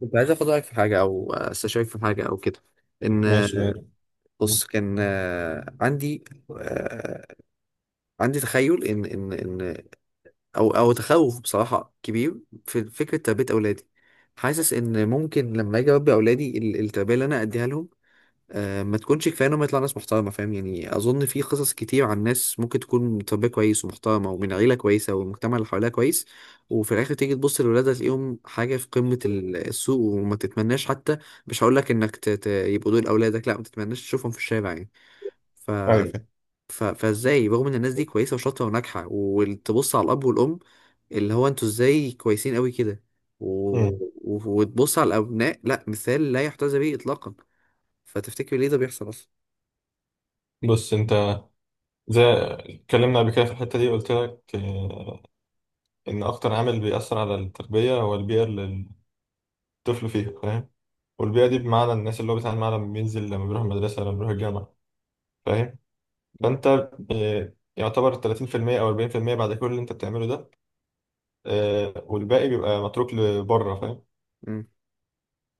كنت عايز اخد رايك في حاجه او استشيرك في حاجه او كده. ان ماشي مم. يعني. بص، كان آه، عندي تخيل ان او تخوف بصراحه كبير في فكره تربيه اولادي. حاسس ان ممكن لما اجي اربي اولادي، التربيه اللي انا اديها لهم ما تكونش كفايه انهم يطلع ناس محترمه، فاهم؟ يعني اظن في قصص كتير عن ناس ممكن تكون تربيه كويس ومحترمه ومن عيله كويسه والمجتمع اللي حواليها كويس، وفي الاخر تيجي تبص لولادها تلاقيهم حاجه في قمه السوء وما تتمناش حتى. مش هقول لك انك يبقوا دول اولادك، لا، ما تتمناش تشوفهم في الشارع يعني. ف... عارف يعني. فازاي رغم ان الناس دي كويسه وشاطره وناجحه، وتبص على الاب والام اللي هو انتوا ازاي كويسين قوي كده، و... مم. وتبص على الابناء لا مثال لا يحتذى به اطلاقا؟ فتفتكر ليه ده بيحصل اصلا؟ بص، انت زي اتكلمنا قبل كده في الحتة دي قلت لك ان اكتر عامل بيأثر على التربية هو البيئة اللي الطفل فيها، فاهم. والبيئة دي بمعنى الناس اللي هو بيتعامل معاها لما بينزل، لما بيروح المدرسة، لما بيروح الجامعة، فاهم. مم. فانت يعتبر 30% او 40% بعد كل اللي انت بتعمله ده، والباقي بيبقى متروك لبره، فاهم. مم.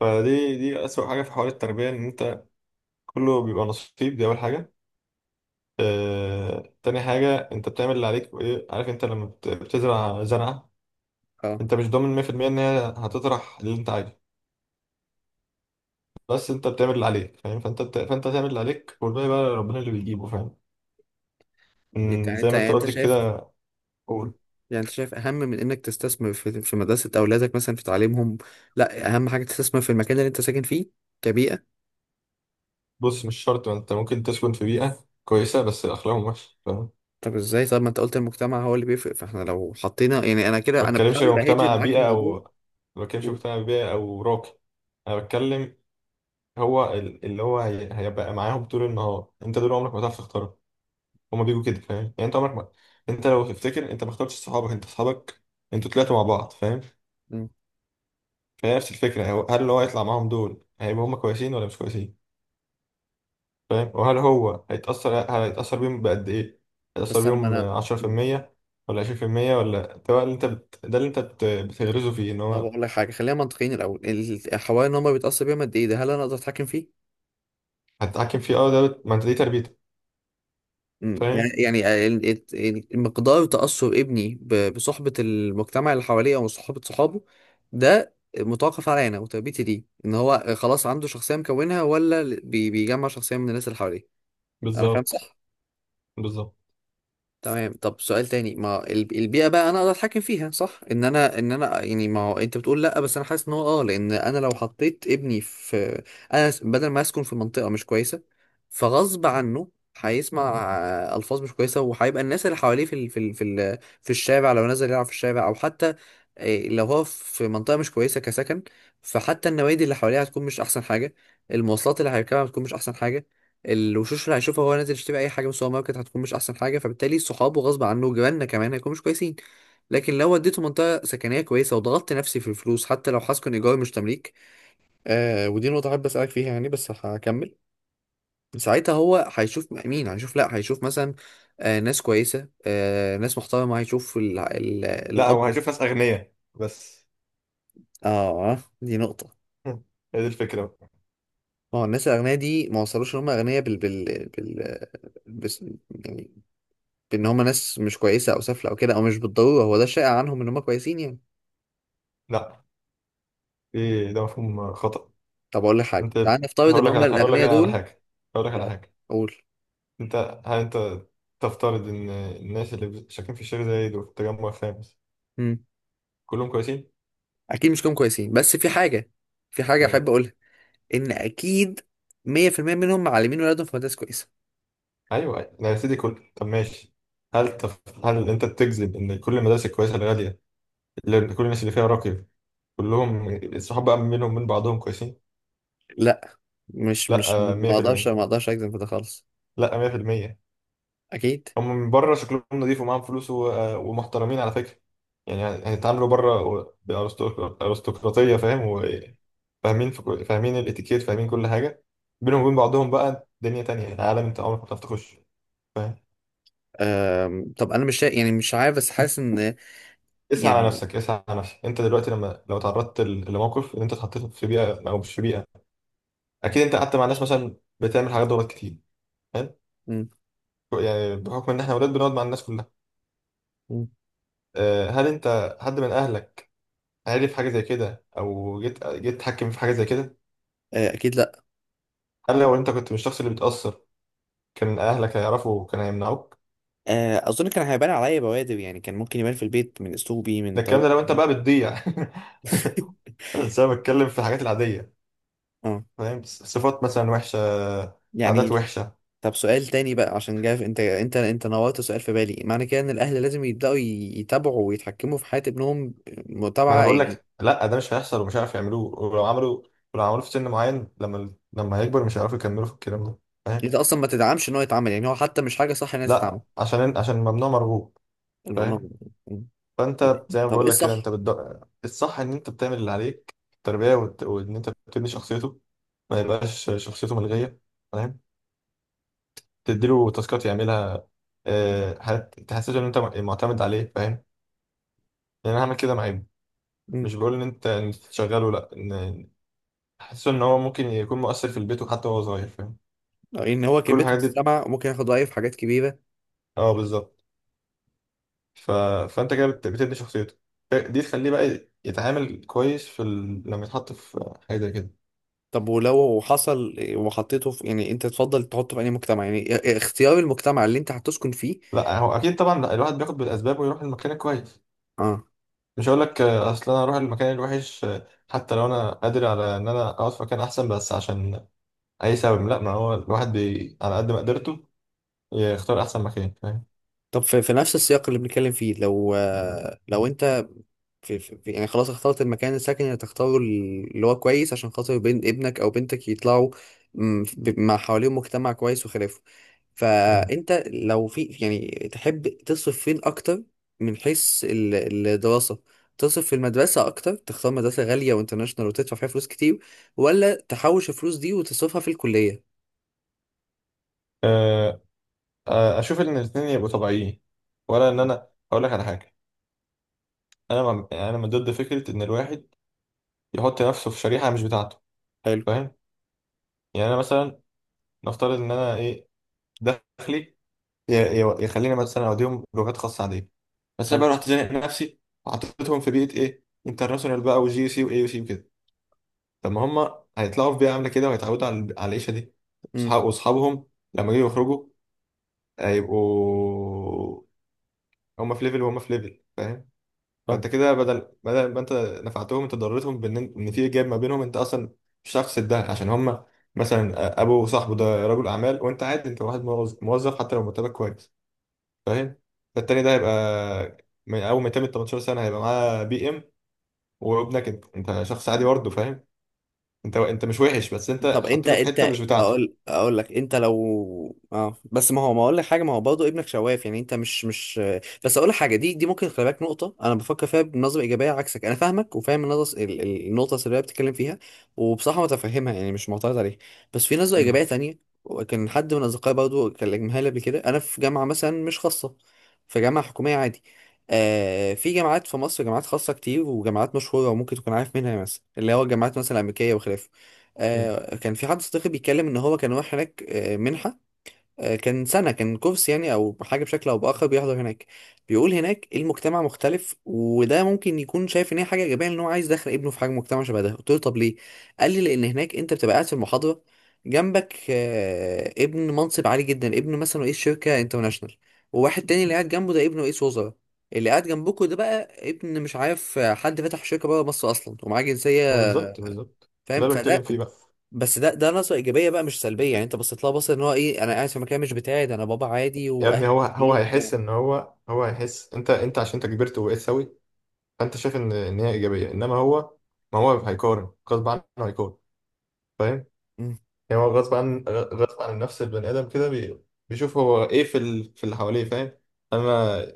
فدي أسوأ حاجة في حوار التربية، ان انت كله بيبقى نصيب، دي اول حاجة. تاني حاجة، انت بتعمل اللي عليك، وايه عارف انت لما بتزرع زرعة، اه. انت مش ضامن 100% ان هي هتطرح اللي انت عايزه، بس انت بتعمل اللي عليك، فاهم. فانت تعمل اللي عليك، والباقي بقى ربنا اللي بيجيبه، فاهم. يعني زي انت ما يعني انت انت قلت شايف. كده. مم. قول. يعني انت شايف اهم من انك تستثمر في مدرسة اولادك، مثلا في تعليمهم، لا اهم حاجة تستثمر في المكان اللي انت ساكن فيه كبيئة؟ بص، مش شرط، ما انت ممكن تسكن في بيئة كويسة بس اخلاقهم وحشة، فاهم. طب ازاي؟ ما انت قلت المجتمع هو اللي بيفرق، فاحنا لو حطينا يعني انا ما كده انا بتكلمش بحاول اهجر مجتمع معاك بيئة الموضوع. او ما بتكلمش و... مجتمع بيئة او راقي. انا بتكلم، اللي هو هيبقى معاهم طول النهار، انت دول عمرك ما هتعرف تختارهم، هما بيجوا كده، فاهم. انت لو تفتكر، انت ما اخترتش صحابك، انت صحابك انتوا طلعتوا مع بعض، فاهم. مم. فهي نفس الفكره، هل اللي هو هيطلع معاهم دول هيبقوا هما كويسين ولا مش كويسين، فاهم. وهل هو هيتاثر بيهم بقد ايه؟ هيتاثر بس انا ما بيهم انا مم. 10% ولا 20%، ولا ده بقى اللي انت بت... ده اللي انت بت... بتغرزه فيه ان طب هو اقول لك حاجة، خلينا منطقيين الاول. الحوالي ان هم بيتأثر بيهم قد ايه ده، هل انا اقدر اتحكم فيه؟ هتتحكم فيه. اه، ما انت دي تربيتك، مم. يعني فاهم. يعني مقدار تأثر ابني بصحبة المجتمع اللي حواليه أو صحبة صحابه، ده متوقف عليا أنا وتربيتي دي، إن هو خلاص عنده شخصية مكونها ولا بيجمع شخصية من الناس اللي حواليه. أنا فاهم، بالظبط. صح؟ بالظبط. تمام. طب سؤال تاني، ما البيئة بقى انا اقدر اتحكم فيها، صح؟ ان انا يعني، ما هو انت بتقول لا، بس انا حاسس ان هو اه، لان انا لو حطيت ابني في، بدل ما اسكن في منطقة مش كويسة، فغصب عنه هيسمع الفاظ مش كويسة، وهيبقى الناس اللي حواليه في الشارع، لو نزل يلعب في الشارع، او حتى لو هو في منطقة مش كويسة كسكن، فحتى النوادي اللي حواليه هتكون مش احسن حاجة، المواصلات اللي هيركبها هتكون مش احسن حاجة، الوشوش اللي هيشوفها وهو نازل يشتري اي حاجه من السوبر ماركت هتكون مش احسن حاجه، فبالتالي صحابه غصب عنه وجيراننا كمان هيكونوا مش كويسين. لكن لو وديته منطقه سكنيه كويسه وضغطت نفسي في الفلوس، حتى لو هسكن ايجار مش تمليك، ودي نقطه احب اسالك فيها يعني، بس هكمل. ساعتها هو هيشوف مين؟ هيشوف، لا هيشوف مثلا ناس كويسه، ناس محترمه، هيشوف ال ال لا، الاب. هو هيشوف ناس اغنياء بس. اه، دي نقطه. هي دي الفكره بقى. ما هو الناس الأغنياء دي ما وصلوش إن هم أغنياء بال بال بال بس يعني، ان هم ناس مش كويسه او سافله او كده، او مش بالضروره هو ده شائع عنهم ان هم كويسين يعني. لا، ايه ده مفهوم خطأ. طب اقول لك حاجه، انت تعال نفترض ان هم هقول لك الاغنياء أنا على دول. حاجه. هقول لك على لا. حاجه. اقول. انت هل انت تفترض ان الناس اللي شاكين في الشيخ زايد وفي التجمع الخامس امم كلهم كويسين؟ اكيد مش كلهم كويسين، بس في حاجه، ايه. احب اقولها، ان اكيد 100% منهم معلمين ولادهم في مدارس كويسه. ايوه، لا يا سيدي، طب ماشي. هل انت بتجزم ان كل المدارس الكويسه الغاليه اللي كل الناس اللي فيها راقي، كلهم الصحاب بقى منهم من بعضهم كويسين؟ لا، مش لا، مش 100%. ما اقدرش اجزم في ده خالص. لا، 100%. اكيد. هم من بره شكلهم نضيف ومعاهم فلوس ومحترمين على فكرة، يعني. هيتعاملوا بره بأرستقراطية، فاهم، وفاهمين فاهمين الاتيكيت، فاهمين كل حاجة. بينهم وبين بعضهم بقى دنيا تانية، يعني عالم انت عمرك ما هتعرف تخش، فاهم. طب انا مش شا... يعني مش عارف، بس حاسس ان اسعى على يعني. نفسك، اسعى على نفسك. انت دلوقتي، لو تعرضت لموقف ان انت اتحطيت في بيئة او مش في بيئة، اكيد انت قعدت مع ناس مثلا بتعمل حاجات غلط كتير، حلو. مم. يعني بحكم ان احنا ولاد، بنقعد مع الناس كلها. مم. هل انت حد من اهلك عارف حاجة زي كده؟ أو جيت تحكم في حاجة زي كده؟ اكيد لا. هل لو أنت كنت مش الشخص اللي بيتأثر، كان أهلك هيعرفوا وكان هيمنعوك. اظن كان هيبان عليا بوادر، يعني كان ممكن يبان في البيت من اسلوبي، ده من الكلام، ده طريقتي. لو أنت بقى بتضيع. بس أنا بتكلم في الحاجات العادية، اه فاهم، صفات مثلا وحشة، عادات يعني. وحشة. طب سؤال تاني بقى، عشان جاي انت نورت سؤال في بالي، معنى كده ان الاهل لازم يبداوا يتابعوا ويتحكموا في حياه ابنهم، ما أنا متابعه بقول يعني؟ لك، لا ده مش هيحصل ومش هيعرفوا يعملوه، ولو عملوا، ولو عملوه في سن معين، لما هيكبر مش هيعرفوا يكملوا في الكلام ده، انت فاهم. اصلا ما تدعمش ان هو يتعمل، يعني هو حتى مش حاجه صح ان هي تتعمل لا، عشان ممنوع مرغوب، الموضوع فاهم. ده؟ م. طب، فانت، زي ما ايه بقول لك كده، الصح؟ الصح ان انت بتعمل اللي عليك في التربيه، وان انت بتبني شخصيته، ما يبقاش شخصيته ملغيه، فاهم. تديله تاسكات يعملها، حاجات تحسسه ان انت معتمد عليه، فاهم. يعني انا هعمل كده مع ابني. م. مش بقول ان انت إن أنت تشغله، لا، ان احسسه ان هو ممكن يكون مؤثر في البيت وحتى وهو صغير، فاهم. ان هو كل كلمته الحاجات دي. تتسمع وممكن ياخد رايه في حاجات كبيره؟ اه، بالظبط. ف... فانت كده بتبني شخصيته، دي تخليه بقى يتعامل كويس لما يتحط في حاجه زي كده. طب ولو حصل وحطيته في، يعني انت تفضل تحطه في اي مجتمع؟ يعني اختيار المجتمع اللي انت هتسكن فيه. لا، هو اكيد طبعا الواحد بياخد بالاسباب ويروح المكان الكويس. اه. مش هقول لك اصل انا اروح المكان الوحش، حتى لو انا قادر على ان انا اقعد في مكان احسن بس عشان اي سبب، لا. ما هو الواحد على قد ما قدرته يختار احسن مكان، فاهم. طب في، نفس السياق اللي بنتكلم فيه، لو لو انت يعني خلاص اخترت المكان، السكن اللي تختاره اللي هو كويس، عشان خاطر بين ابنك او بنتك يطلعوا مع حواليهم مجتمع كويس وخلافه، مم. فانت لو في يعني، تحب تصرف فين اكتر؟ من حيث الدراسة، تصرف في المدرسة أكتر، تختار مدرسة غالية وانترناشونال وتدفع فيها فلوس كتير، ولا تحوش الفلوس دي وتصرفها في الكلية؟ آه، اشوف ان الاثنين يبقوا طبيعيين. ولا ان انا اقول لك على حاجه، انا ما انا من ضد فكره ان الواحد يحط نفسه في شريحه مش بتاعته، حلو. فاهم. يعني انا مثلا، نفترض ان انا، ايه، دخلي، ي- يخليني مثلا اوديهم لغات خاصه عاديه. بس انا حلو. بقى رحت زانق نفسي وحطيتهم في بيئه، ايه، انترناشونال بقى، وجي سي واي سي وكده. طب ما هم هيطلعوا في بيئه عامله كده وهيتعودوا على العيشه دي. امم صحاب واصحابهم لما يجوا يخرجوا، هيبقوا هم في ليفل وهم في ليفل، فاهم. فاهم. فانت كده بدل ما انت نفعتهم، انت ضررتهم بان في جاب ما بينهم، انت اصلا مش هتعرف تسدها، عشان هم مثلا ابو صاحبه ده رجل اعمال وانت عادي، انت واحد موظف موظف حتى لو مرتبك كويس، فاهم. فالتاني ده هيبقى من اول ما يتم 18 سنه هيبقى معاه بي ام، وابنك انت شخص عادي برضه، فاهم. انت مش وحش، بس انت طب انت حطيته في حته انت مش بتاعته. اقول لك، انت لو اه، بس ما هو، ما اقول لك حاجه، ما هو برضه ابنك شواف، يعني انت مش، بس اقول لك حاجه، دي ممكن خلي بالك، نقطه انا بفكر فيها بنظره ايجابيه عكسك. انا فاهمك وفاهم النظر، النقطه السلبيه اللي بتتكلم فيها، وبصراحه متفهمها يعني، مش معترض عليها، بس في نظره امم. ايجابيه تانية. وكان حد من اصدقائي برضه كلمها لي قبل كده، انا في جامعه مثلا مش خاصه، في جامعه حكوميه عادي، في جامعات في مصر جامعات خاصه كتير وجامعات مشهوره وممكن تكون عارف منها، مثلا اللي هو الجامعات مثلا الامريكيه وخلافه. امم. كان في حد صديقي بيتكلم ان هو كان رايح هناك، منحه، كان كورس يعني او حاجه بشكل او باخر، بيحضر هناك. بيقول هناك المجتمع مختلف، وده ممكن يكون شايف ان هي حاجه ايجابيه، ان هو عايز يدخل ابنه في حاجه مجتمع شبه ده. قلت له طب ليه؟ قال لي لان هناك انت بتبقى قاعد في المحاضره، جنبك ابن منصب عالي جدا، ابن مثلا رئيس شركه انترناشونال، وواحد تاني اللي قاعد جنبه ده ابن رئيس وزراء، اللي قاعد جنبكوا ده بقى ابن مش عارف حد فتح شركه بره مصر اصلا ومعاه ما جنسيه. بالظبط. بالظبط. ده فاهم؟ اللي فده، بتكلم فيه بقى. بس ده نظره ايجابيه بقى، مش سلبيه، يعني انت بصيت لها بصه ان هو ايه، انا قاعد في مكان مش بتاعي، ده انا بابا عادي يا واهلي ابني، هو عاديين وبتاع. هيحس ان هو هيحس. انت، عشان انت كبرت وبقيت سوي، فانت شايف ان هي ايجابيه، انما ما هو هيقارن غصب عنه، هيقارن، فاهم. مم. يعني هو غصب عن غصب عن نفس البني ادم كده، بيشوف هو ايه في اللي حواليه، فاهم. انا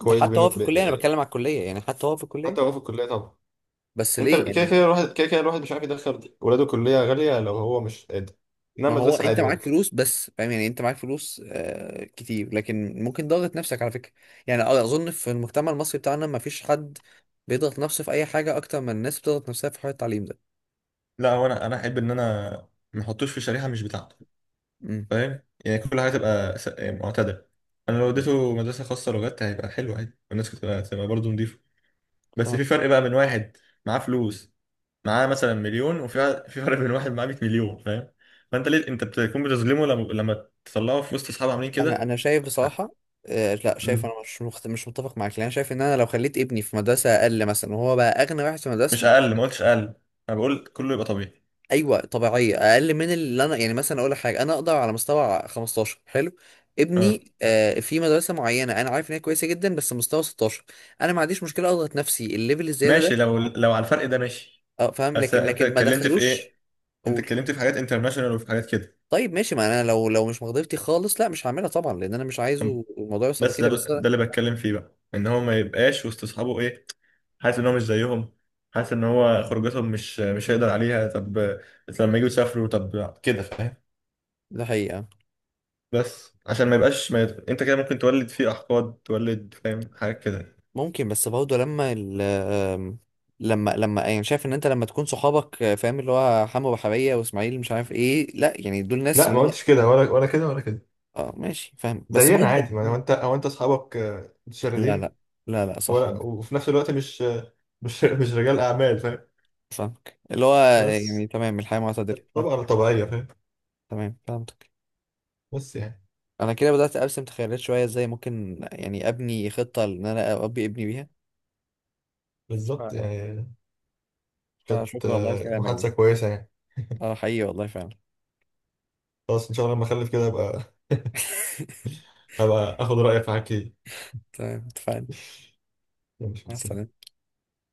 ده حتى بيني. هو في الكليه، انا بتكلم على الكليه، يعني حتى هو في الكليه. حتى لو في الكليه، طبعا. بس انت ليه كده يعني؟ كده الواحد كده كده الواحد مش عارف يدخل ولاده كليه غاليه لو هو مش قادر. انما ما هو مدرسه انت عادي معاك ممكن. فلوس بس، فاهم يعني، انت معاك فلوس كتير، لكن ممكن ضغط نفسك على فكره. يعني اظن في المجتمع المصري بتاعنا ما فيش حد بيضغط نفسه في اي حاجه اكتر من الناس بتضغط نفسها في حوار التعليم ده. لا، هو انا، احب ان انا ما احطوش في شريحه مش بتاعته، فاهم. يعني كل حاجه تبقى، يعني معتدله. انا لو امم. اديته مدرسه خاصه لغات هيبقى حلو عادي، والناس تبقى برضه نضيفه. بس في فرق بقى بين واحد معاه فلوس، معاه مثلا مليون، في فرق بين واحد معاه 100 مليون، فاهم. فانت ليه انت بتكون بتظلمه لما تطلعه في وسط اصحابه عاملين انا كده. انا شايف بصراحه لا، شايف انا مش متفق معاك، لان انا شايف ان انا لو خليت ابني في مدرسه اقل مثلا، وهو بقى اغنى واحد في مش مدرسته. اقل، ما قلتش اقل، انا بقول كله يبقى طبيعي. ايوه طبيعيه، اقل من اللي انا، يعني مثلا اقول لك حاجه، انا اقدر على مستوى 15، حلو، اه ابني في مدرسه معينه انا عارف ان هي كويسه جدا، بس مستوى 16، انا ما عنديش مشكله اضغط نفسي الليفل الزياده ده. ماشي، لو لو على الفرق ده، ماشي. اه، فاهم، بس لكن انت لكن ما اتكلمت في دخلوش. ايه، انت قول. اتكلمت في حاجات انترناشونال وفي حاجات كده. طيب ماشي، ما انا لو، مش مقدرتي خالص، لا مش هعملها طبعا، لان انا مش عايزه الموضوع يوصل بس لكده، بس ده اللي بتكلم فيه بقى، ان هو ما يبقاش وسط اصحابه، ايه، حاسس ان هو مش زيهم، حاسس ان هو خروجاتهم مش هيقدر عليها. طب بس لما يجوا يسافروا، طب كده، فاهم. ده حقيقه. بس عشان ما يبقاش، ما يت... انت كده ممكن تولد فيه احقاد، تولد، فاهم، حاجات كده. ممكن بس برضه لما ال آم، لما يعني شايف ان انت لما تكون صحابك فاهم، اللي هو حمو بحرية واسماعيل مش عارف ايه، لا يعني دول ناس لا اللي ما هو، قلتش كده، ولا كده ولا كده. اه ماشي، فاهم، بس زينا برضه. عادي، ما هو انت، اصحابك لا، متشردين لا، لا، لا، صح. ولا، وفي نفس الوقت مش رجال اعمال، فاهم. فاهمك اللي هو بس. يعني، تمام، الحياة معتدلة، فاهم. طبعا طبيعيه، فاهم. تمام، فهمتك. بس يعني. انا كده بدأت ارسم تخيلات شوية ازاي ممكن يعني ابني خطة ان انا اربي ابني بيها. بالظبط، ف- يعني. كانت فشكرا والله لكلامك ده. محادثه كويسه، يعني. اه حقيقي والله فعلا. خلاص، ان شاء الله لما اخلف كده ابقى، اخد رايك في حاجات كتير. تمام، اتفقنا. مع ماشي، السلامة.